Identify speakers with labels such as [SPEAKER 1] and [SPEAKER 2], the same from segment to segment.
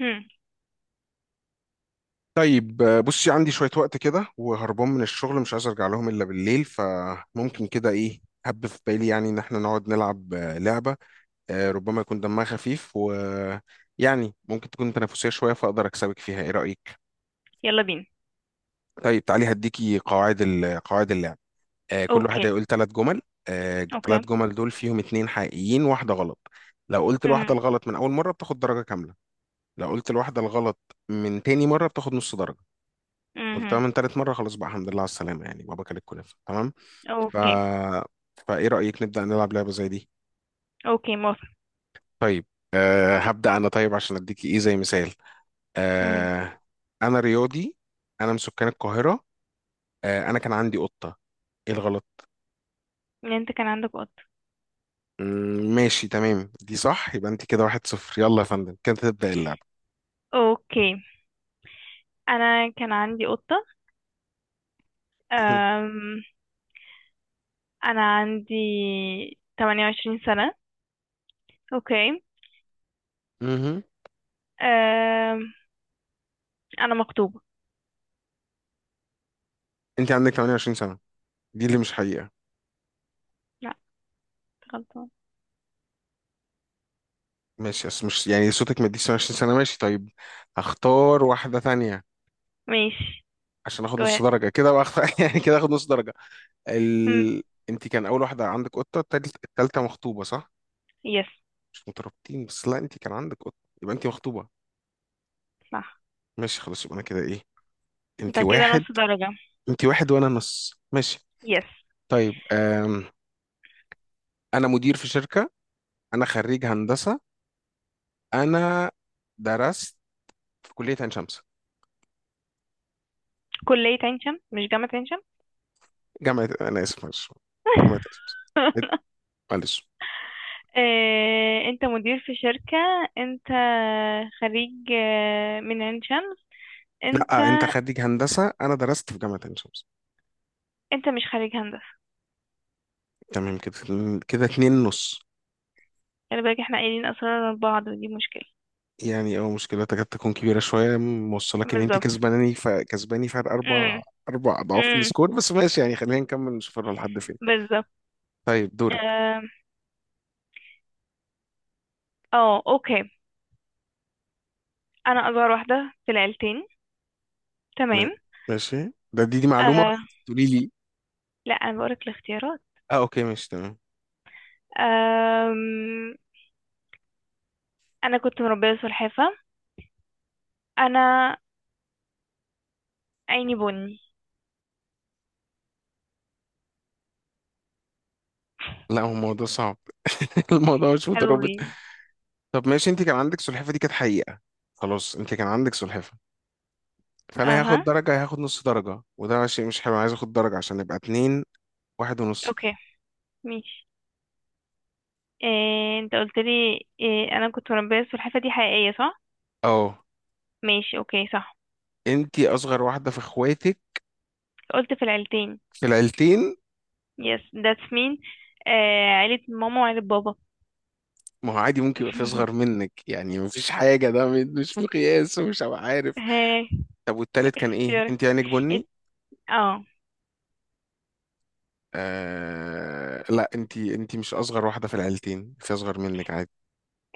[SPEAKER 1] هم.
[SPEAKER 2] طيب، بصي، عندي شوية وقت كده وهربان من الشغل، مش عايز أرجع لهم إلا بالليل، فممكن كده إيه هب في بالي، يعني إن إحنا نقعد نلعب لعبة. ربما يكون دمها خفيف، و يعني ممكن تكون تنافسية شوية فأقدر أكسبك فيها. إيه رأيك؟
[SPEAKER 1] يلا بينا.
[SPEAKER 2] طيب تعالي هديكي قواعد قواعد اللعب. كل واحد
[SPEAKER 1] اوكي.
[SPEAKER 2] هيقول ثلاث جمل. الثلاث
[SPEAKER 1] اوكي.
[SPEAKER 2] جمل دول فيهم اتنين حقيقيين واحدة غلط. لو قلت
[SPEAKER 1] مهم.
[SPEAKER 2] الواحدة الغلط من أول مرة بتاخد درجة كاملة. لو قلت الواحدة الغلط من تاني مرة بتاخد نص درجة. قلتها
[SPEAKER 1] مهم.
[SPEAKER 2] من تالت مرة خلاص بقى الحمد لله على السلامة، يعني بابا كان الكنافة تمام. ف...
[SPEAKER 1] اوكي.
[SPEAKER 2] فإيه رأيك نبدأ نلعب لعبة زي دي؟
[SPEAKER 1] اوكي، موافق.
[SPEAKER 2] طيب، هبدأ أنا، طيب عشان أديكي إيه زي مثال.
[SPEAKER 1] مهم.
[SPEAKER 2] أه أنا رياضي. أنا من سكان القاهرة. أنا كان عندي قطة. إيه الغلط؟
[SPEAKER 1] ان انت كان عندك قطة.
[SPEAKER 2] ماشي تمام، دي صح. يبقى أنت كده واحد صفر، يلا يا فندم كده تبدأ اللعبة.
[SPEAKER 1] اوكي. انا كان عندي قطة. أم... انا عندي 28 سنة. اوكي.
[SPEAKER 2] مهم.
[SPEAKER 1] أم... انا مخطوبة.
[SPEAKER 2] أنت عندك 28 سنة، دي اللي مش حقيقة.
[SPEAKER 1] لا، غلطان.
[SPEAKER 2] ماشي، أصل مش يعني صوتك ما يديش 28 سنة، ماشي طيب، هختار واحدة تانية
[SPEAKER 1] ماشي.
[SPEAKER 2] عشان اخد
[SPEAKER 1] go
[SPEAKER 2] نص
[SPEAKER 1] ahead.
[SPEAKER 2] درجه كده بقى. يعني كده اخد نص درجه.
[SPEAKER 1] هم.
[SPEAKER 2] ال... انت كان اول واحده عندك قطه، التالته مخطوبه، صح؟
[SPEAKER 1] يس.
[SPEAKER 2] مش مترابطين بس، لا انت كان عندك قطه، يبقى انت مخطوبه.
[SPEAKER 1] صح.
[SPEAKER 2] ماشي خلاص، يبقى انا كده ايه؟
[SPEAKER 1] انت
[SPEAKER 2] انت
[SPEAKER 1] كده
[SPEAKER 2] واحد
[SPEAKER 1] نص درجة.
[SPEAKER 2] انت واحد وانا نص، ماشي.
[SPEAKER 1] يس.
[SPEAKER 2] طيب انا مدير في شركه. انا خريج هندسه. انا درست في كليه عين شمس.
[SPEAKER 1] كلية عين شمس مش جامعة عين
[SPEAKER 2] جامعه، انا اسف معلش.
[SPEAKER 1] شمس.
[SPEAKER 2] جامعه عين شمس. معلش.
[SPEAKER 1] آه، انت مدير في شركة. انت خريج من عين شمس. انت
[SPEAKER 2] لا انت خريج هندسه، انا درست في جامعه عين شمس.
[SPEAKER 1] انت مش خريج هندسة.
[SPEAKER 2] تمام كده، كده اتنين نص.
[SPEAKER 1] خلي بالك، احنا قايلين اسرار بعض ودي مشكلة.
[SPEAKER 2] يعني اه مشكلة تكاد تكون كبيرة شوية موصلك ان انت
[SPEAKER 1] بالظبط.
[SPEAKER 2] كسباناني، كسباني فرق
[SPEAKER 1] امم.
[SPEAKER 2] اربع اضعاف
[SPEAKER 1] امم.
[SPEAKER 2] السكور، بس ماشي يعني، خلينا نكمل نشوف هنروح لحد فين.
[SPEAKER 1] بالظبط.
[SPEAKER 2] طيب دورك.
[SPEAKER 1] اه. آه، اوكي. انا اصغر واحدة في العيلتين.
[SPEAKER 2] م...
[SPEAKER 1] تمام.
[SPEAKER 2] ماشي ده، دي معلومة،
[SPEAKER 1] آه.
[SPEAKER 2] ولا تقولي لي؟
[SPEAKER 1] لا، انا بقولك الاختيارات.
[SPEAKER 2] اه اوكي ماشي تمام.
[SPEAKER 1] آم، انا كنت مربية سلحفة. انا عيني بني.
[SPEAKER 2] لا هو الموضوع صعب. الموضوع مش مترابط.
[SPEAKER 1] اوي.
[SPEAKER 2] طب ماشي، انت كان عندك سلحفة، دي كانت حقيقة. خلاص، انت كان عندك سلحفة، فانا هاخد
[SPEAKER 1] اها.
[SPEAKER 2] درجة، هاخد نص درجة، وده شيء مش حلو، عايز اخد درجة عشان نبقى اتنين واحد ونص.
[SPEAKER 1] اوكي، ماشي. إيه، انت قلت لي إيه؟ انا كنت مربيه السلحفاه، دي حقيقيه صح؟
[SPEAKER 2] اه،
[SPEAKER 1] ماشي، اوكي، صح.
[SPEAKER 2] انت اصغر واحدة في اخواتك،
[SPEAKER 1] قلت في العيلتين.
[SPEAKER 2] في العيلتين.
[SPEAKER 1] يس، ذاتس مين. آه، عيله ماما وعيله بابا.
[SPEAKER 2] ما هو عادي، ممكن يبقى في اصغر منك، يعني مفيش حاجه، ده مش مقياس ومش هبقى عارف.
[SPEAKER 1] ها.
[SPEAKER 2] طب والتالت كان ايه؟
[SPEAKER 1] اختيارك.
[SPEAKER 2] انت عينك
[SPEAKER 1] ات-
[SPEAKER 2] بني.
[SPEAKER 1] اه.
[SPEAKER 2] لا انت، مش اصغر واحده في العيلتين، في اصغر منك عادي.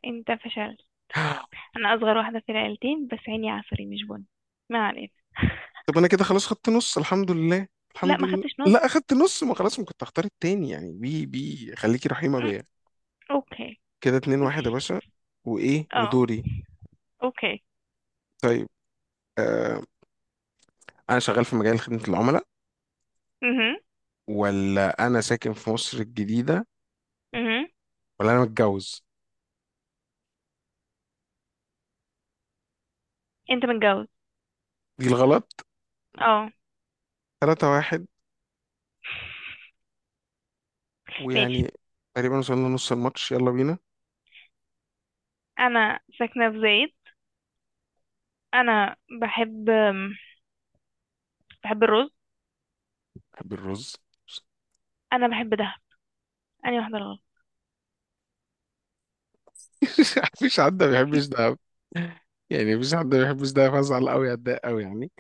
[SPEAKER 1] انت فشلت. انا اصغر واحده في العيلتين بس عيني عسلي مش بني. ما علينا.
[SPEAKER 2] طب انا كده خلاص خدت نص، الحمد لله
[SPEAKER 1] لا،
[SPEAKER 2] الحمد
[SPEAKER 1] ما
[SPEAKER 2] لله.
[SPEAKER 1] خدتش
[SPEAKER 2] لا
[SPEAKER 1] نص.
[SPEAKER 2] اخدت نص، ما خلاص ما كنت هختار التاني يعني، بي خليكي رحيمه
[SPEAKER 1] م،.
[SPEAKER 2] بيا.
[SPEAKER 1] اوكي.
[SPEAKER 2] كده اتنين واحد يا باشا. وايه
[SPEAKER 1] اه.
[SPEAKER 2] ودوري.
[SPEAKER 1] اوكي.
[SPEAKER 2] طيب آه... انا شغال في مجال خدمه العملاء.
[SPEAKER 1] اها.
[SPEAKER 2] ولا انا ساكن في مصر الجديده.
[SPEAKER 1] اها.
[SPEAKER 2] ولا انا متجوز.
[SPEAKER 1] انت متجوز.
[SPEAKER 2] دي الغلط.
[SPEAKER 1] اه.
[SPEAKER 2] تلاتة واحد.
[SPEAKER 1] ماشي.
[SPEAKER 2] ويعني تقريبا وصلنا نص الماتش، يلا بينا.
[SPEAKER 1] انا ساكنه في زايد. انا بحب. الرز.
[SPEAKER 2] بحب الرز.
[SPEAKER 1] انا بحب دهب. انهي واحده الغلط؟
[SPEAKER 2] مفيش حد ما بيحبش ده، يعني مفيش حد ما بيحبش ده فازعل قوي اتضايق قوي يعني.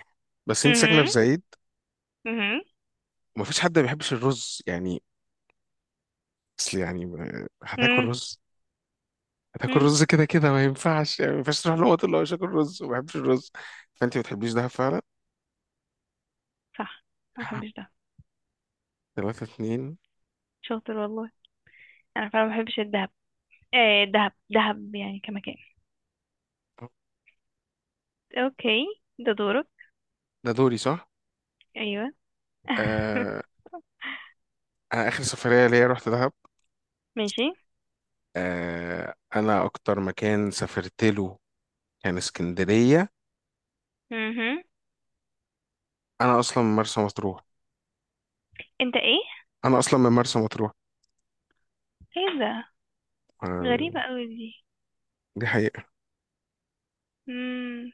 [SPEAKER 2] بس انت ساكنة في
[SPEAKER 1] مهم.
[SPEAKER 2] زايد،
[SPEAKER 1] مهم.
[SPEAKER 2] ومفيش حد ما بيحبش الرز يعني. اصل يعني هتاكل
[SPEAKER 1] مم.
[SPEAKER 2] رز، هتاكل
[SPEAKER 1] امم.
[SPEAKER 2] رز كده كده، ما ينفعش، يعني ما ينفعش تروح لهم وتقول له مش هاكل رز وما بحبش الرز، فانت ما بتحبيش ده فعلا.
[SPEAKER 1] صح. انا ما بحبش دهب.
[SPEAKER 2] تلاتة اتنين.
[SPEAKER 1] شاطر والله. انا فعلا ما بحبش الدهب. ايه دهب، دهب يعني كمكان. اوكي، ده دورك.
[SPEAKER 2] ده دوري، صح؟
[SPEAKER 1] ايوه.
[SPEAKER 2] آه أنا آخر سفرية ليا رحت دهب.
[SPEAKER 1] ماشي.
[SPEAKER 2] أنا أكتر مكان سافرت له كان اسكندرية.
[SPEAKER 1] مهم.
[SPEAKER 2] أنا أصلا من مرسى مطروح.
[SPEAKER 1] انت ايه؟
[SPEAKER 2] أنا أصلا من مرسى مطروح.
[SPEAKER 1] ايه ده؟
[SPEAKER 2] آه،
[SPEAKER 1] غريبه قوي دي.
[SPEAKER 2] دي حقيقة.
[SPEAKER 1] امم.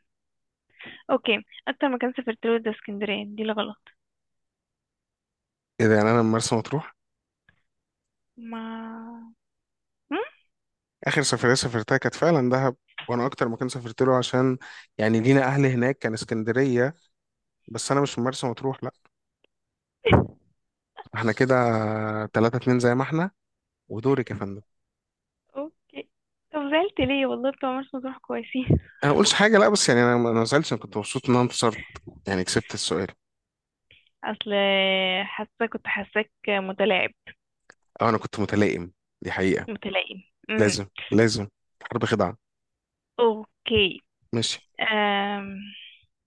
[SPEAKER 1] اوكي، اكتر مكان سافرت له ده اسكندريه، دي الغلط.
[SPEAKER 2] إيه ده، يعني أنا من مرسى مطروح.
[SPEAKER 1] ما. مم؟
[SPEAKER 2] آخر سفرية سافرتها كانت فعلا دهب. وأنا أكتر مكان سافرت له، عشان يعني لينا أهل هناك، كان اسكندرية. بس أنا مش من مرسى مطروح لأ. إحنا كده تلاتة اتنين زي ما إحنا. ودورك يا فندم.
[SPEAKER 1] اوكي. طب زعلت ليه؟ والله بتوع مرسى مطروح كويسين.
[SPEAKER 2] أنا ما قلتش حاجة لأ، بس يعني أنا ما زعلتش، أنا كنت مبسوط إن أنا انتصرت، يعني كسبت السؤال.
[SPEAKER 1] اصل، حاسه كنت حاساك متلاعب.
[SPEAKER 2] أو أنا كنت متلائم، دي حقيقة.
[SPEAKER 1] متلائم. امم.
[SPEAKER 2] لازم لازم، حرب خدعة.
[SPEAKER 1] اوكي.
[SPEAKER 2] ماشي.
[SPEAKER 1] أم.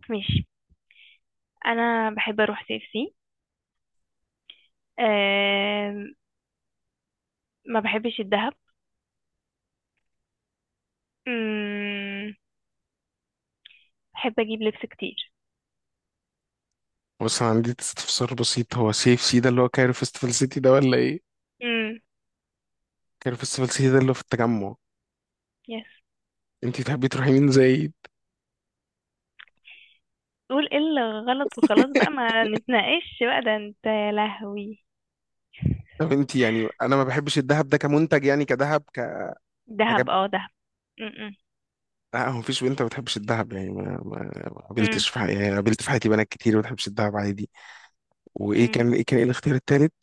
[SPEAKER 1] ماشي. انا بحب اروح سي اف سي. أم. ما بحبش الذهب. امم. بحب اجيب لبس كتير.
[SPEAKER 2] بص انا عندي استفسار بسيط، هو سي اف سي ده اللي هو كايرو فيستيفال سيتي ده، ولا ايه؟
[SPEAKER 1] امم.
[SPEAKER 2] كايرو فيستيفال سيتي ده اللي هو في التجمع.
[SPEAKER 1] يس.
[SPEAKER 2] انت تحبي تروحي مين زي.
[SPEAKER 1] قول ايه اللي غلط وخلاص بقى، ما نتناقش بقى ده، انت يا لهوي.
[SPEAKER 2] طب انت يعني، انا ما بحبش الذهب ده كمنتج، يعني كذهب كحاجات.
[SPEAKER 1] دهب، اه دهب. امم.
[SPEAKER 2] لا، هو مفيش بنت ما بتحبش الذهب يعني، ما
[SPEAKER 1] امم.
[SPEAKER 2] قابلتش في حياتي، يعني قابلت في حياتي بنات كتير ما بتحبش الذهب عادي. وايه
[SPEAKER 1] أمم.
[SPEAKER 2] كان ايه، كان ايه الاختيار التالت؟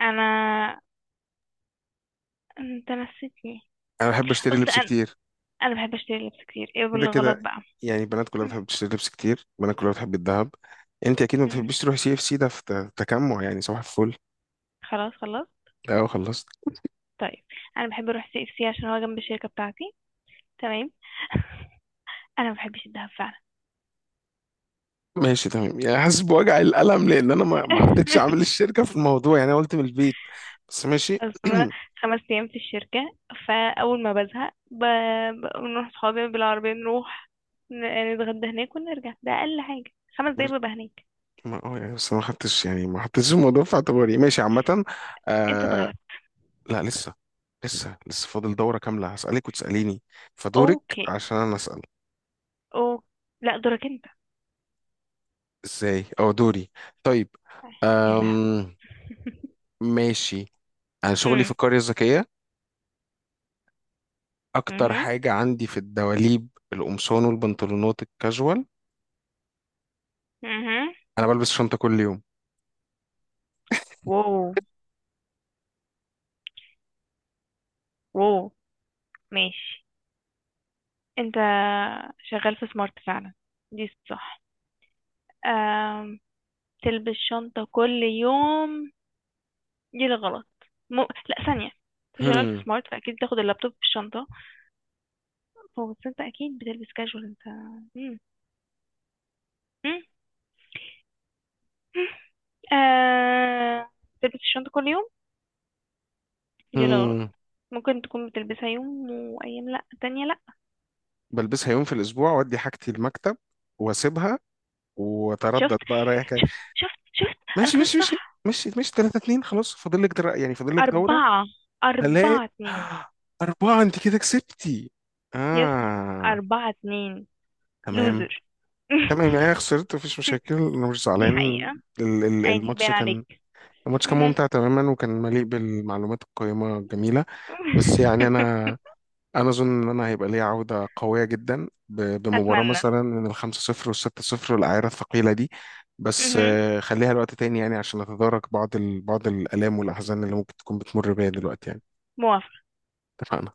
[SPEAKER 1] انا. انت نسيتني.
[SPEAKER 2] انا بحب اشتري
[SPEAKER 1] قلت
[SPEAKER 2] لبس
[SPEAKER 1] انا.
[SPEAKER 2] كتير.
[SPEAKER 1] انا بحب اشتري لبس كتير، ايه
[SPEAKER 2] كده
[SPEAKER 1] اللي غلط
[SPEAKER 2] كده
[SPEAKER 1] بقى؟
[SPEAKER 2] يعني، البنات كلها بتحب تشتري لبس كتير، البنات كلها بتحب الذهب. انت اكيد ما
[SPEAKER 1] أمم.
[SPEAKER 2] بتحبيش تروحي سي اف سي ده، في تجمع يعني صباح الفل.
[SPEAKER 1] خلاص خلاص.
[SPEAKER 2] لا خلصت.
[SPEAKER 1] طيب. انا بحب اروح سي اف سي عشان هو جنب الشركه بتاعتي. تمام. انا ما بحبش الدهب فعلا.
[SPEAKER 2] ماشي تمام، يعني حاسس بوجع القلم لان انا ما حطيتش عامل الشركه في الموضوع، يعني انا قلت من البيت. بس ماشي.
[SPEAKER 1] اصل انا خمس ايام في الشركه. فاول ما بزهق بنروح صحابي بالعربيه، نروح نتغدى هناك ونرجع. ده اقل حاجه، خمس دقايق
[SPEAKER 2] ماشي.
[SPEAKER 1] ببقى هناك.
[SPEAKER 2] ما اه يعني بس ما حطيتش الموضوع في اعتباري، ماشي عامه.
[SPEAKER 1] انت
[SPEAKER 2] آه،
[SPEAKER 1] اتغلبت.
[SPEAKER 2] لا لسه لسه فاضل دوره كامله، هسالك وتساليني، فدورك
[SPEAKER 1] اوكي.
[SPEAKER 2] عشان انا اسال.
[SPEAKER 1] او. لا، دورك انت.
[SPEAKER 2] ازاي؟ او دوري. طيب
[SPEAKER 1] يا لهوي.
[SPEAKER 2] أم ماشي. انا شغلي في
[SPEAKER 1] امم.
[SPEAKER 2] القريه الذكيه. اكتر
[SPEAKER 1] امم.
[SPEAKER 2] حاجه عندي في الدواليب القمصان والبنطلونات الكاجوال.
[SPEAKER 1] امم.
[SPEAKER 2] انا بلبس شنطه كل يوم.
[SPEAKER 1] واو. واو. ماشي. انت شغال في سمارت فعلا، دي صح. آم، تلبس شنطة كل يوم، دي الغلط. لا، ثانية، انت شغال في سمارت فأكيد بتاخد اللابتوب في الشنطة. هو بس انت أكيد بتلبس كاجوال انت. مم. مم. آه... تلبس الشنطة كل يوم، دي الغلط.
[SPEAKER 2] مم.
[SPEAKER 1] ممكن تكون بتلبسها يوم وأيام لأ تانية لأ.
[SPEAKER 2] بلبسها يوم في الاسبوع وادي حاجتي المكتب، واسيبها، واتردد
[SPEAKER 1] شفت
[SPEAKER 2] بقى رايح جاي.
[SPEAKER 1] شفت شفت، أنا
[SPEAKER 2] ماشي
[SPEAKER 1] كنت
[SPEAKER 2] ماشي ماشي،
[SPEAKER 1] صح.
[SPEAKER 2] ماشي ماشي 3 2، خلاص فاضل لك يعني فاضل لك دوره.
[SPEAKER 1] أربعة.
[SPEAKER 2] هلاقي.
[SPEAKER 1] أربعة اتنين.
[SPEAKER 2] أربعة، أنت كده كسبتي.
[SPEAKER 1] يس.
[SPEAKER 2] آه،
[SPEAKER 1] أربعة اتنين.
[SPEAKER 2] تمام
[SPEAKER 1] لوزر.
[SPEAKER 2] تمام، يعني أنا خسرت، مفيش مشاكل، أنا مش
[SPEAKER 1] دي
[SPEAKER 2] زعلان.
[SPEAKER 1] حقيقة.
[SPEAKER 2] ال- ال-
[SPEAKER 1] عادي،
[SPEAKER 2] الماتش
[SPEAKER 1] باين
[SPEAKER 2] كان
[SPEAKER 1] عليك.
[SPEAKER 2] الماتش كان
[SPEAKER 1] مهم.
[SPEAKER 2] ممتع تماما، وكان مليء بالمعلومات القيمة الجميلة. بس يعني أنا، اظن ان انا هيبقى ليا عوده قويه جدا، بمباراه
[SPEAKER 1] أتمنى.
[SPEAKER 2] مثلا من الخمسة صفر والستة صفر والاعيره الثقيله دي. بس
[SPEAKER 1] مهم.
[SPEAKER 2] خليها لوقت تاني، يعني عشان نتدارك بعض بعض الالام والاحزان اللي ممكن تكون بتمر بيها دلوقتي يعني.
[SPEAKER 1] موافقة.
[SPEAKER 2] اتفقنا.